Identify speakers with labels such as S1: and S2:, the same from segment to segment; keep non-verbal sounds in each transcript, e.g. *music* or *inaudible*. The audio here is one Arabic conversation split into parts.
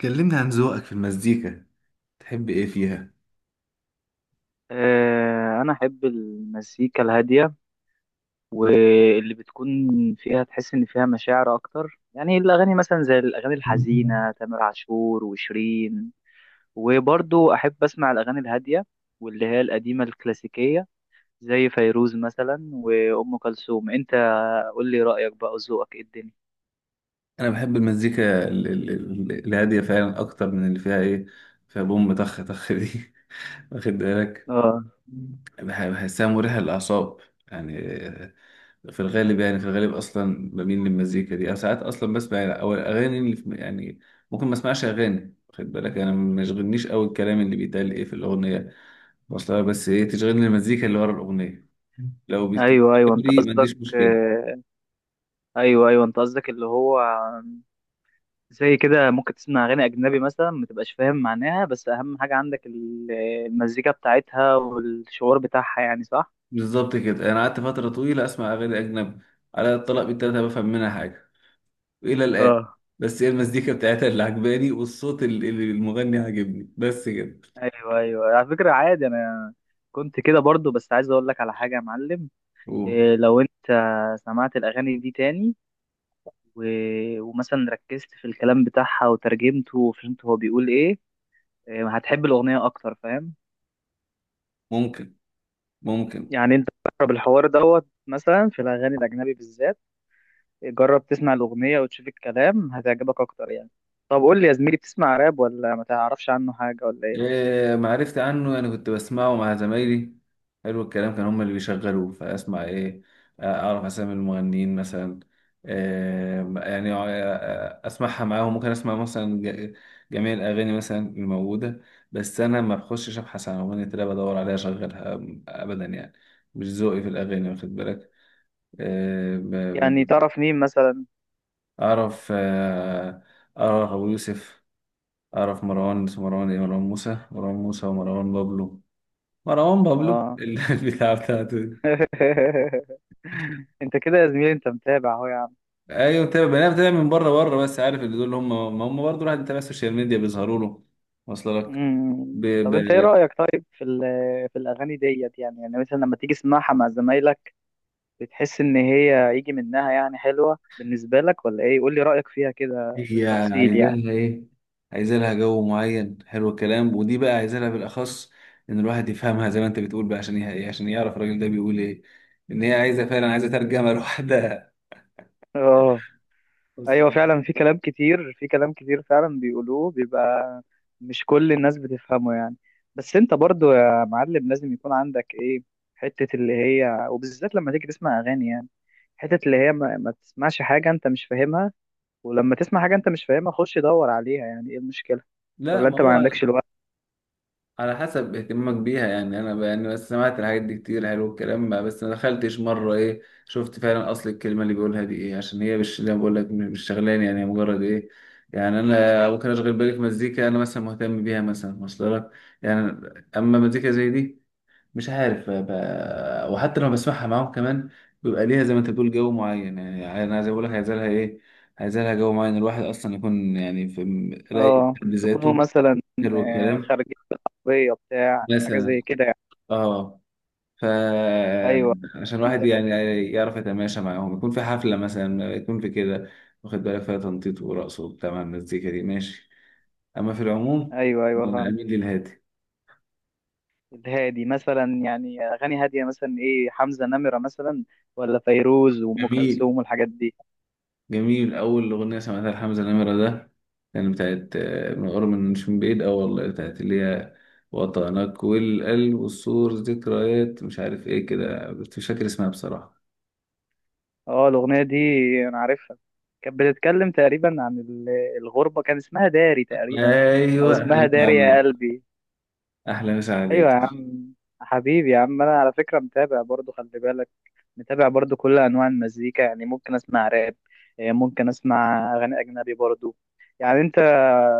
S1: كلمني عن ذوقك في المزيكا. تحب ايه فيها؟
S2: آه، أنا أحب المزيكا الهادية واللي بتكون فيها تحس إن فيها مشاعر أكتر. يعني الأغاني مثلا زي الأغاني الحزينة تامر عاشور وشيرين، وبرضو أحب أسمع الأغاني الهادية واللي هي القديمة الكلاسيكية زي فيروز مثلا وأم كلثوم. أنت قول لي رأيك بقى وذوقك إيه الدنيا.
S1: انا بحب المزيكا الهاديه فعلا اكتر من اللي فيها فيها بوم طخ طخ دي *laughs* واخد بالك.
S2: اه،
S1: بحسها مريحه للاعصاب، يعني آه، في الغالب، يعني في الغالب اصلا بميل للمزيكا دي، او ساعات اصلا بسمع، او الاغاني اللي في، يعني، ممكن ما اسمعش اغاني. واخد بالك، انا ما يشغلنيش قوي الكلام اللي بيتقال في الاغنيه وصلها، بس ايه تشغلني المزيكا اللي ورا الاغنيه. لو
S2: ايوه ايوه انت
S1: بتحبني ما
S2: قصدك
S1: عنديش مشكله.
S2: آه، ايوه ايوه انت قصدك اللي هو زي كده ممكن تسمع اغاني اجنبي مثلا ما تبقاش فاهم معناها، بس اهم حاجه عندك المزيكا بتاعتها والشعور بتاعها، يعني صح.
S1: بالظبط كده. انا قعدت فتره طويله اسمع اغاني اجنبي على الطلاق بالتلاته بفهم منها حاجه الى الان،
S2: اه،
S1: بس هي المزيكا بتاعتها اللي عجباني والصوت اللي المغني عاجبني، بس كده.
S2: ايوه ايوه على فكره عادي، انا كنت كده برضو، بس عايز اقول لك على حاجه يا معلم.
S1: أوه.
S2: إيه لو انت سمعت الاغاني دي تاني و... ومثلا ركزت في الكلام بتاعها وترجمته وفهمت هو بيقول ايه، إيه، هتحب الاغنيه اكتر، فاهم؟
S1: ممكن، ممكن.
S2: يعني انت بتقرب الحوار دوت مثلا في الاغاني الاجنبي بالذات. جرب تسمع الأغنية وتشوف الكلام هتعجبك أكتر يعني. طب قول لي يا زميلي، بتسمع راب ولا ما تعرفش عنه حاجة ولا إيه؟
S1: إيه معرفت عنه؟ يعني كنت بسمعه مع زمايلي، حلو الكلام. كان هم اللي بيشغلوه فاسمع، ايه آه، اعرف اسامي المغنيين مثلا، إيه يعني آه، اسمعها معاهم. ممكن اسمع مثلا جميع الاغاني مثلا الموجوده، بس انا ما بخشش ابحث عن اغنيه راب ادور عليها اشغلها ابدا. يعني مش ذوقي في الاغاني، واخد بالك. إيه ب-
S2: يعني
S1: ب-
S2: تعرف مين مثلا؟
S1: اعرف، اعرف ابو يوسف، اعرف مروان. اسمه مروان إيه؟ مروان موسى. مروان موسى ومروان بابلو. مروان بابلو
S2: آه.
S1: *laughs* البتاع بتاعته دي.
S2: *laughs* أنت كده يا زميلي، أنت متابع أهو يا عم.
S1: ايوه متابع. انا بتابع من بره، بس عارف اللي دول. هم ما هم برضه الواحد بيتابع السوشيال ميديا بيظهروا له، واصل لك. ب...
S2: مم. طب أنت إيه
S1: ب...
S2: رأيك طيب في *laughs* في الأغاني ديت، يعني يعني مثلا لما تيجي تسمعها مع زمايلك، بتحس إن هي يجي منها يعني حلوة بالنسبة لك ولا إيه؟ قول لي رأيك فيها كده
S1: هي
S2: بالتفصيل
S1: عايزاها
S2: يعني.
S1: ايه؟ عايزة لها جو معين، حلو الكلام، ودي بقى عايزة لها بالاخص ان الواحد يفهمها زي ما انت بتقول بقى، عشان ايه؟ عشان يعرف الراجل ده بيقول ايه. ان هي عايزه، فعلا عايزه ترجمه لوحدها
S2: آه.
S1: *laughs*
S2: ايوه
S1: أصلاً.
S2: فعلا في كلام كتير، في كلام كتير فعلا بيقولوه، بيبقى مش كل الناس بتفهمه يعني. بس انت برضو يا معلم لازم يكون عندك ايه، حتة اللي هي، وبالذات لما تيجي تسمع اغاني، يعني حتة اللي هي ما تسمعش حاجة انت مش فاهمها، ولما تسمع حاجة انت مش فاهمها خش دور عليها، يعني ايه المشكلة؟
S1: لا
S2: ولا
S1: ما
S2: انت ما
S1: هو
S2: عندكش الوقت؟
S1: على حسب اهتمامك بيها. يعني انا يعني بس سمعت الحاجات دي كتير، حلو الكلام بقى، بس ما دخلتش مره شفت فعلا اصل الكلمه اللي بيقولها دي ايه، عشان هي مش زي ما بقول لك، مش شغلاني. يعني هي مجرد يعني انا ممكن اشغل بالي في مزيكا انا مثلا مهتم بيها مثلا، واصل لك. يعني اما مزيكا زي دي مش عارف وحتى لما بسمعها معاهم كمان بيبقى ليها زي ما انت بتقول جو معين. يعني انا زي ما بقول لك عايز لها عايز لها جو معين، الواحد اصلا يكون يعني في رايق
S2: اه، تكونوا
S1: بذاته،
S2: مثلا
S1: حلو الكلام،
S2: خارجين بالعربية بتاع حاجة
S1: مثلا.
S2: زي كده يعني.
S1: اه.
S2: ايوه،
S1: فعشان
S2: انت
S1: الواحد يعني يعرف يتماشى معاهم، يكون في حفلة مثلا، يكون في كده، واخد بالك، فيها تنطيط ورقص وبتاع مع المزيكا دي، ماشي. أما في العموم
S2: ايوه ايوه
S1: أنا
S2: فاهم.
S1: أميل للهادي.
S2: الهادي مثلا، يعني اغاني هاديه مثلا ايه، حمزه نمره مثلا، ولا فيروز وام
S1: جميل،
S2: كلثوم والحاجات دي؟
S1: جميل. أول أغنية سمعتها لحمزة نمرة ده كان بتاعت من قرب، من مش من بعيد أوي والله، بتاعت اللي هي وطنك والقلب والسور ذكريات، مش عارف ايه كده. مش فاكر اسمها بصراحة.
S2: اه الاغنيه دي انا عارفها، كانت بتتكلم تقريبا عن الغربه، كان اسمها داري تقريبا، او
S1: ايوه، احلى
S2: اسمها
S1: مسا
S2: داري
S1: عليك.
S2: يا قلبي.
S1: احلى مسا
S2: ايوه يا
S1: عليك.
S2: عم. حبيبي يا عم، انا على فكره متابع برضو، خلي بالك، متابع برضو كل انواع المزيكا، يعني ممكن اسمع راب، ممكن اسمع اغاني اجنبي برضو. يعني انت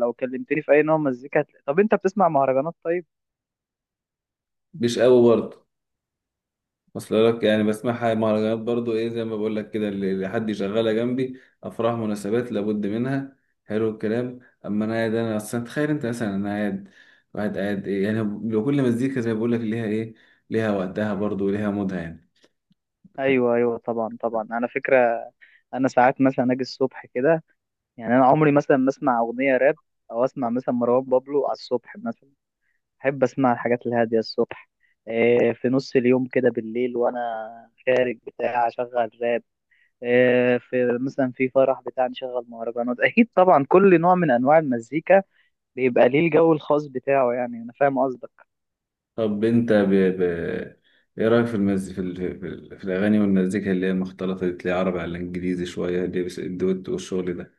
S2: لو كلمتني في اي نوع مزيكا طب انت بتسمع مهرجانات طيب؟
S1: مش قوي برضه. اصل لك يعني بسمعها مهرجانات برضو، زي ما بقول لك كده، اللي حد يشغلها جنبي، افراح مناسبات لابد منها، حلو الكلام. اما انا قاعد، انا اصلا تخيل انت مثلا انا قاعد واحد قاعد، يعني لو كل مزيكا زي ما بقول لك ليها ليها وقتها برضو، وليها مودها يعني.
S2: ايوه ايوه طبعا طبعا، انا فكره، انا ساعات مثلا اجي الصبح كده يعني، انا عمري مثلا ما اسمع اغنيه راب او اسمع مثلا مروان بابلو على الصبح مثلا. احب اسمع الحاجات الهاديه الصبح. إيه، في نص اليوم كده بالليل وانا خارج بتاع اشغل راب. إيه، في مثلا في فرح بتاع نشغل مهرجانات. *laughs* اكيد طبعا كل نوع من انواع المزيكا بيبقى ليه الجو الخاص بتاعه، يعني انا فاهم قصدك.
S1: طب انت ب... ايه رايك في المز في, ال... في, ال... في الاغاني والمزيكا اللي هي المختلطه دي، تلاقي عربي على انجليزي شويه اللي هي الدوت والشغل ده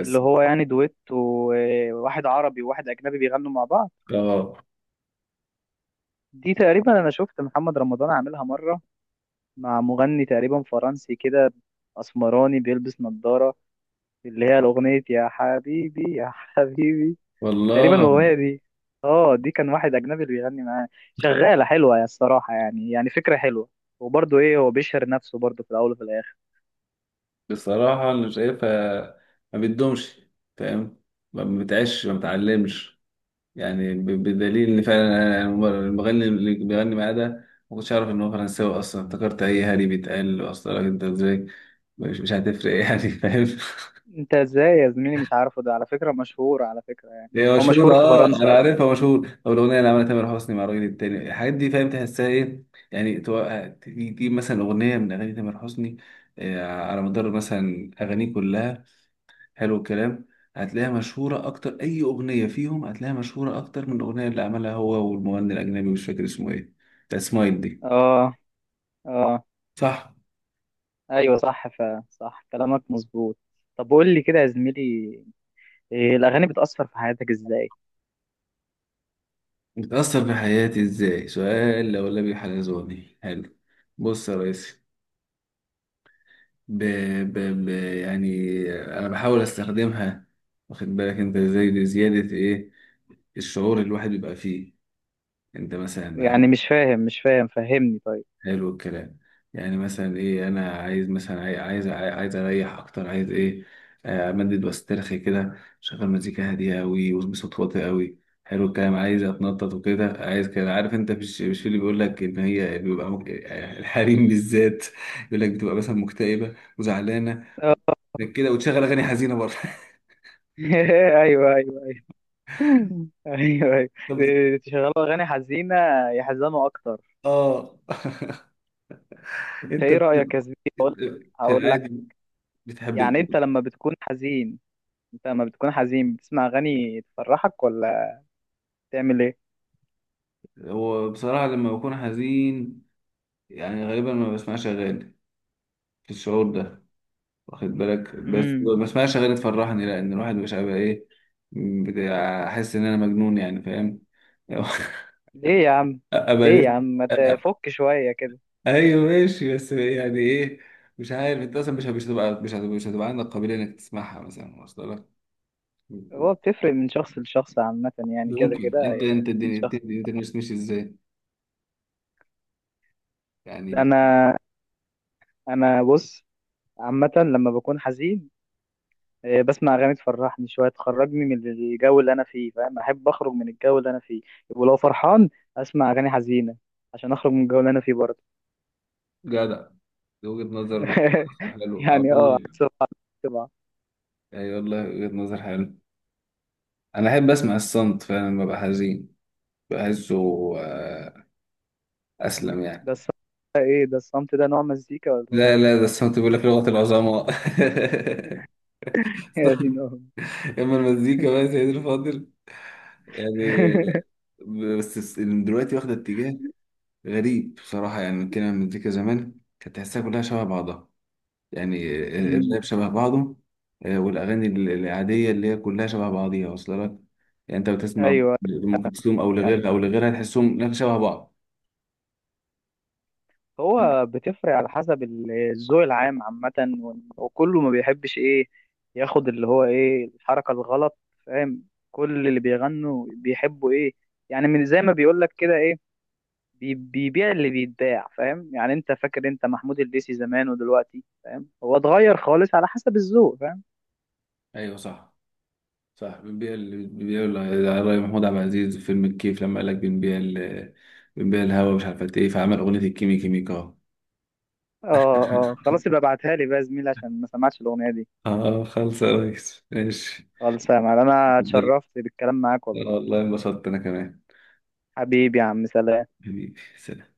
S2: اللي هو يعني دويت، وواحد عربي وواحد اجنبي بيغنوا مع بعض.
S1: اه
S2: دي تقريبا انا شفت محمد رمضان عاملها مره مع مغني تقريبا فرنسي كده، اسمراني بيلبس نظاره، اللي هي الاغنيه يا حبيبي يا حبيبي،
S1: والله.
S2: تقريبا الاغنيه دي. اه، دي كان واحد اجنبي اللي بيغني معاه. شغاله حلوه يا الصراحه، يعني يعني فكره حلوه، وبرضه ايه، هو بيشهر نفسه برضه في الاول وفي الاخر.
S1: بصراحة أنا شايفها ما بتدومش، فاهم، ما بتعيش ما بتعلمش، يعني. بدليل إن فعلا أنا المغني اللي بيغني معاه ده ما كنتش أعرف إن هو فرنساوي أصلا. افتكرت أي هري بيتقال أصلا. أنت إزاي؟ مش هتفرق يعني، فاهم *laughs*
S2: انت ازاي يا زميلي مش عارفه؟ ده على فكره مشهور، على فكره يعني
S1: هي
S2: هو
S1: مشهورة
S2: مشهور في
S1: أه أنا
S2: فرنسا اصلا.
S1: عارفها مشهور. أو الأغنية اللي عملها تامر حسني مع الراجل التاني، الحاجات دي فاهم، تحسها إيه؟ يعني تجيب مثلا أغنية من أغاني تامر حسني، على مدار مثلا أغانيه كلها، حلو الكلام، هتلاقيها مشهورة أكتر. أي أغنية فيهم هتلاقيها مشهورة أكتر من الأغنية اللي عملها هو والمغني الأجنبي، مش فاكر اسمه إيه، بتاع سمايل دي.
S2: اه. اه
S1: صح.
S2: ايوه صح، صح كلامك مظبوط. طب قول لي كده يا زميلي، إيه الأغاني بتأثر في حياتك إزاي؟
S1: بتأثر في حياتي إزاي؟ سؤال لولبي حلزوني حلو. بص يا ريس، ب... ب... يعني أنا بحاول أستخدمها، واخد بالك أنت إزاي، لزيادة الشعور اللي الواحد بيبقى فيه. أنت مثلا،
S2: يعني مش فاهم، مش فاهم، فهمني طيب.
S1: حلو الكلام، يعني مثلا انا عايز مثلا عايز عايز اريح اكتر، عايز ايه آه، امدد واسترخي كده، شغل مزيكا هاديه قوي وبصوت واطي قوي، حلو الكلام. عايز اتنطط وكده، عايز كده، عارف انت، مش في اللي بيقول لك ان هي بيبقى يعني الحريم بالذات يقول لك بتبقى مثلا مكتئبه وزعلانه
S2: آه.
S1: لك كده وتشغل اغاني حزينه برضه *laughs*
S2: *laughs* أيوه أيوه أيوه، *laughs* أيوه أيوه،
S1: طب.
S2: إيه، تشغلوا أغاني حزينة يحزنوا أكتر؟
S1: اه *laughs*
S2: أنت
S1: انت
S2: إيه رأيك يا زميلي؟
S1: في
S2: هقول لك،
S1: العادي بتحب.
S2: يعني أنت لما بتكون حزين، أنت لما بتكون حزين بتسمع أغاني تفرحك، ولا بتعمل إيه؟
S1: هو بصراحه لما بكون حزين يعني غالبا ما بسمعش اغاني في الشعور ده، واخد بالك، بس
S2: امم.
S1: ما اسمعش غير تفرحني، لان الواحد مش هيبقى احس ان انا مجنون يعني، فاهم *laughs*
S2: ليه يا عم؟
S1: ابقى
S2: ليه يا
S1: لسه.
S2: عم؟ ما تفك شوية كده.
S1: ايوه ماشي، بس يعني مش عارف انت اصلا مش هتبقى عندك قابليه انك تسمعها مثلا، واصل لك.
S2: هو بتفرق من شخص لشخص عامة يعني، كده
S1: ممكن
S2: كده
S1: انت،
S2: هي بتفرق من
S1: الدنيا، انت
S2: شخص.
S1: دنيتك مش ماشي ازاي، يعني
S2: أنا أنا بص، عامة لما بكون حزين، بسمع أغاني تفرحني شوية تخرجني من الجو اللي أنا فيه، فاهم، أحب أخرج من الجو اللي أنا فيه. ولو فرحان أسمع أغاني حزينة عشان أخرج من الجو اللي أنا فيه برضه.
S1: جدع. دي وجهه نظر.
S2: *laughs*
S1: حلو، اه
S2: يعني أه،
S1: والله.
S2: عكس بعض. طبعا.
S1: اي والله، وجهه نظر حلو. انا احب اسمع الصمت فعلا لما ابقى حزين، بحسه آه، أسلم
S2: ده
S1: يعني.
S2: الصمت، ده إيه ده الصمت ده، نوع مزيكا ولا إيه؟
S1: لا لا، ده الصمت بيقول لك لغة العظماء
S2: *laughs* يا دين
S1: *laughs*
S2: أمي.
S1: أما المزيكا بقى يا سيدي الفاضل، يعني،
S2: *laughs*
S1: بس دلوقتي واخدة اتجاه غريب بصراحة يعني كده. المزيكا زمان كانت تحسها كلها شبه بعضها، يعني
S2: أمم،
S1: الراب شبه بعضه، والأغاني العادية اللي هي كلها شبه بعضيها، واصلة لك يعني. أنت بتسمع
S2: أيوه.
S1: أم كلثوم أو
S2: يعني
S1: لغيرها أو لغيرها، تحسهم إنها شبه بعض.
S2: هو بتفرق على حسب الذوق العام عامة، وكله ما بيحبش ايه، ياخد اللي هو ايه، الحركة الغلط، فاهم، كل اللي بيغنوا بيحبوا ايه، يعني من زي ما بيقولك كده ايه، بيبيع اللي بيتباع، فاهم يعني. انت فاكر انت محمود الليثي زمان ودلوقتي؟ فاهم، هو اتغير خالص على حسب الذوق، فاهم.
S1: أيوه صح. صح. بنبيع الراي. محمود عبد العزيز في فيلم الكيف لما قال لك بنبيع الهوا مش عارف قد ايه، فعمل اغنيه الكيمي كيميكا
S2: اه، اه
S1: *laughs*
S2: خلاص، يبقى ابعتها لي بقى يا زميلي عشان ما سمعتش الاغنية دي.
S1: اه خلص يا ريس، ماشي.
S2: خالص يا معلم، انا
S1: *laughs*
S2: اتشرفت بالكلام معاك والله.
S1: والله انبسطت انا كمان.
S2: حبيبي يا عم، سلام.
S1: حبيبي سلام.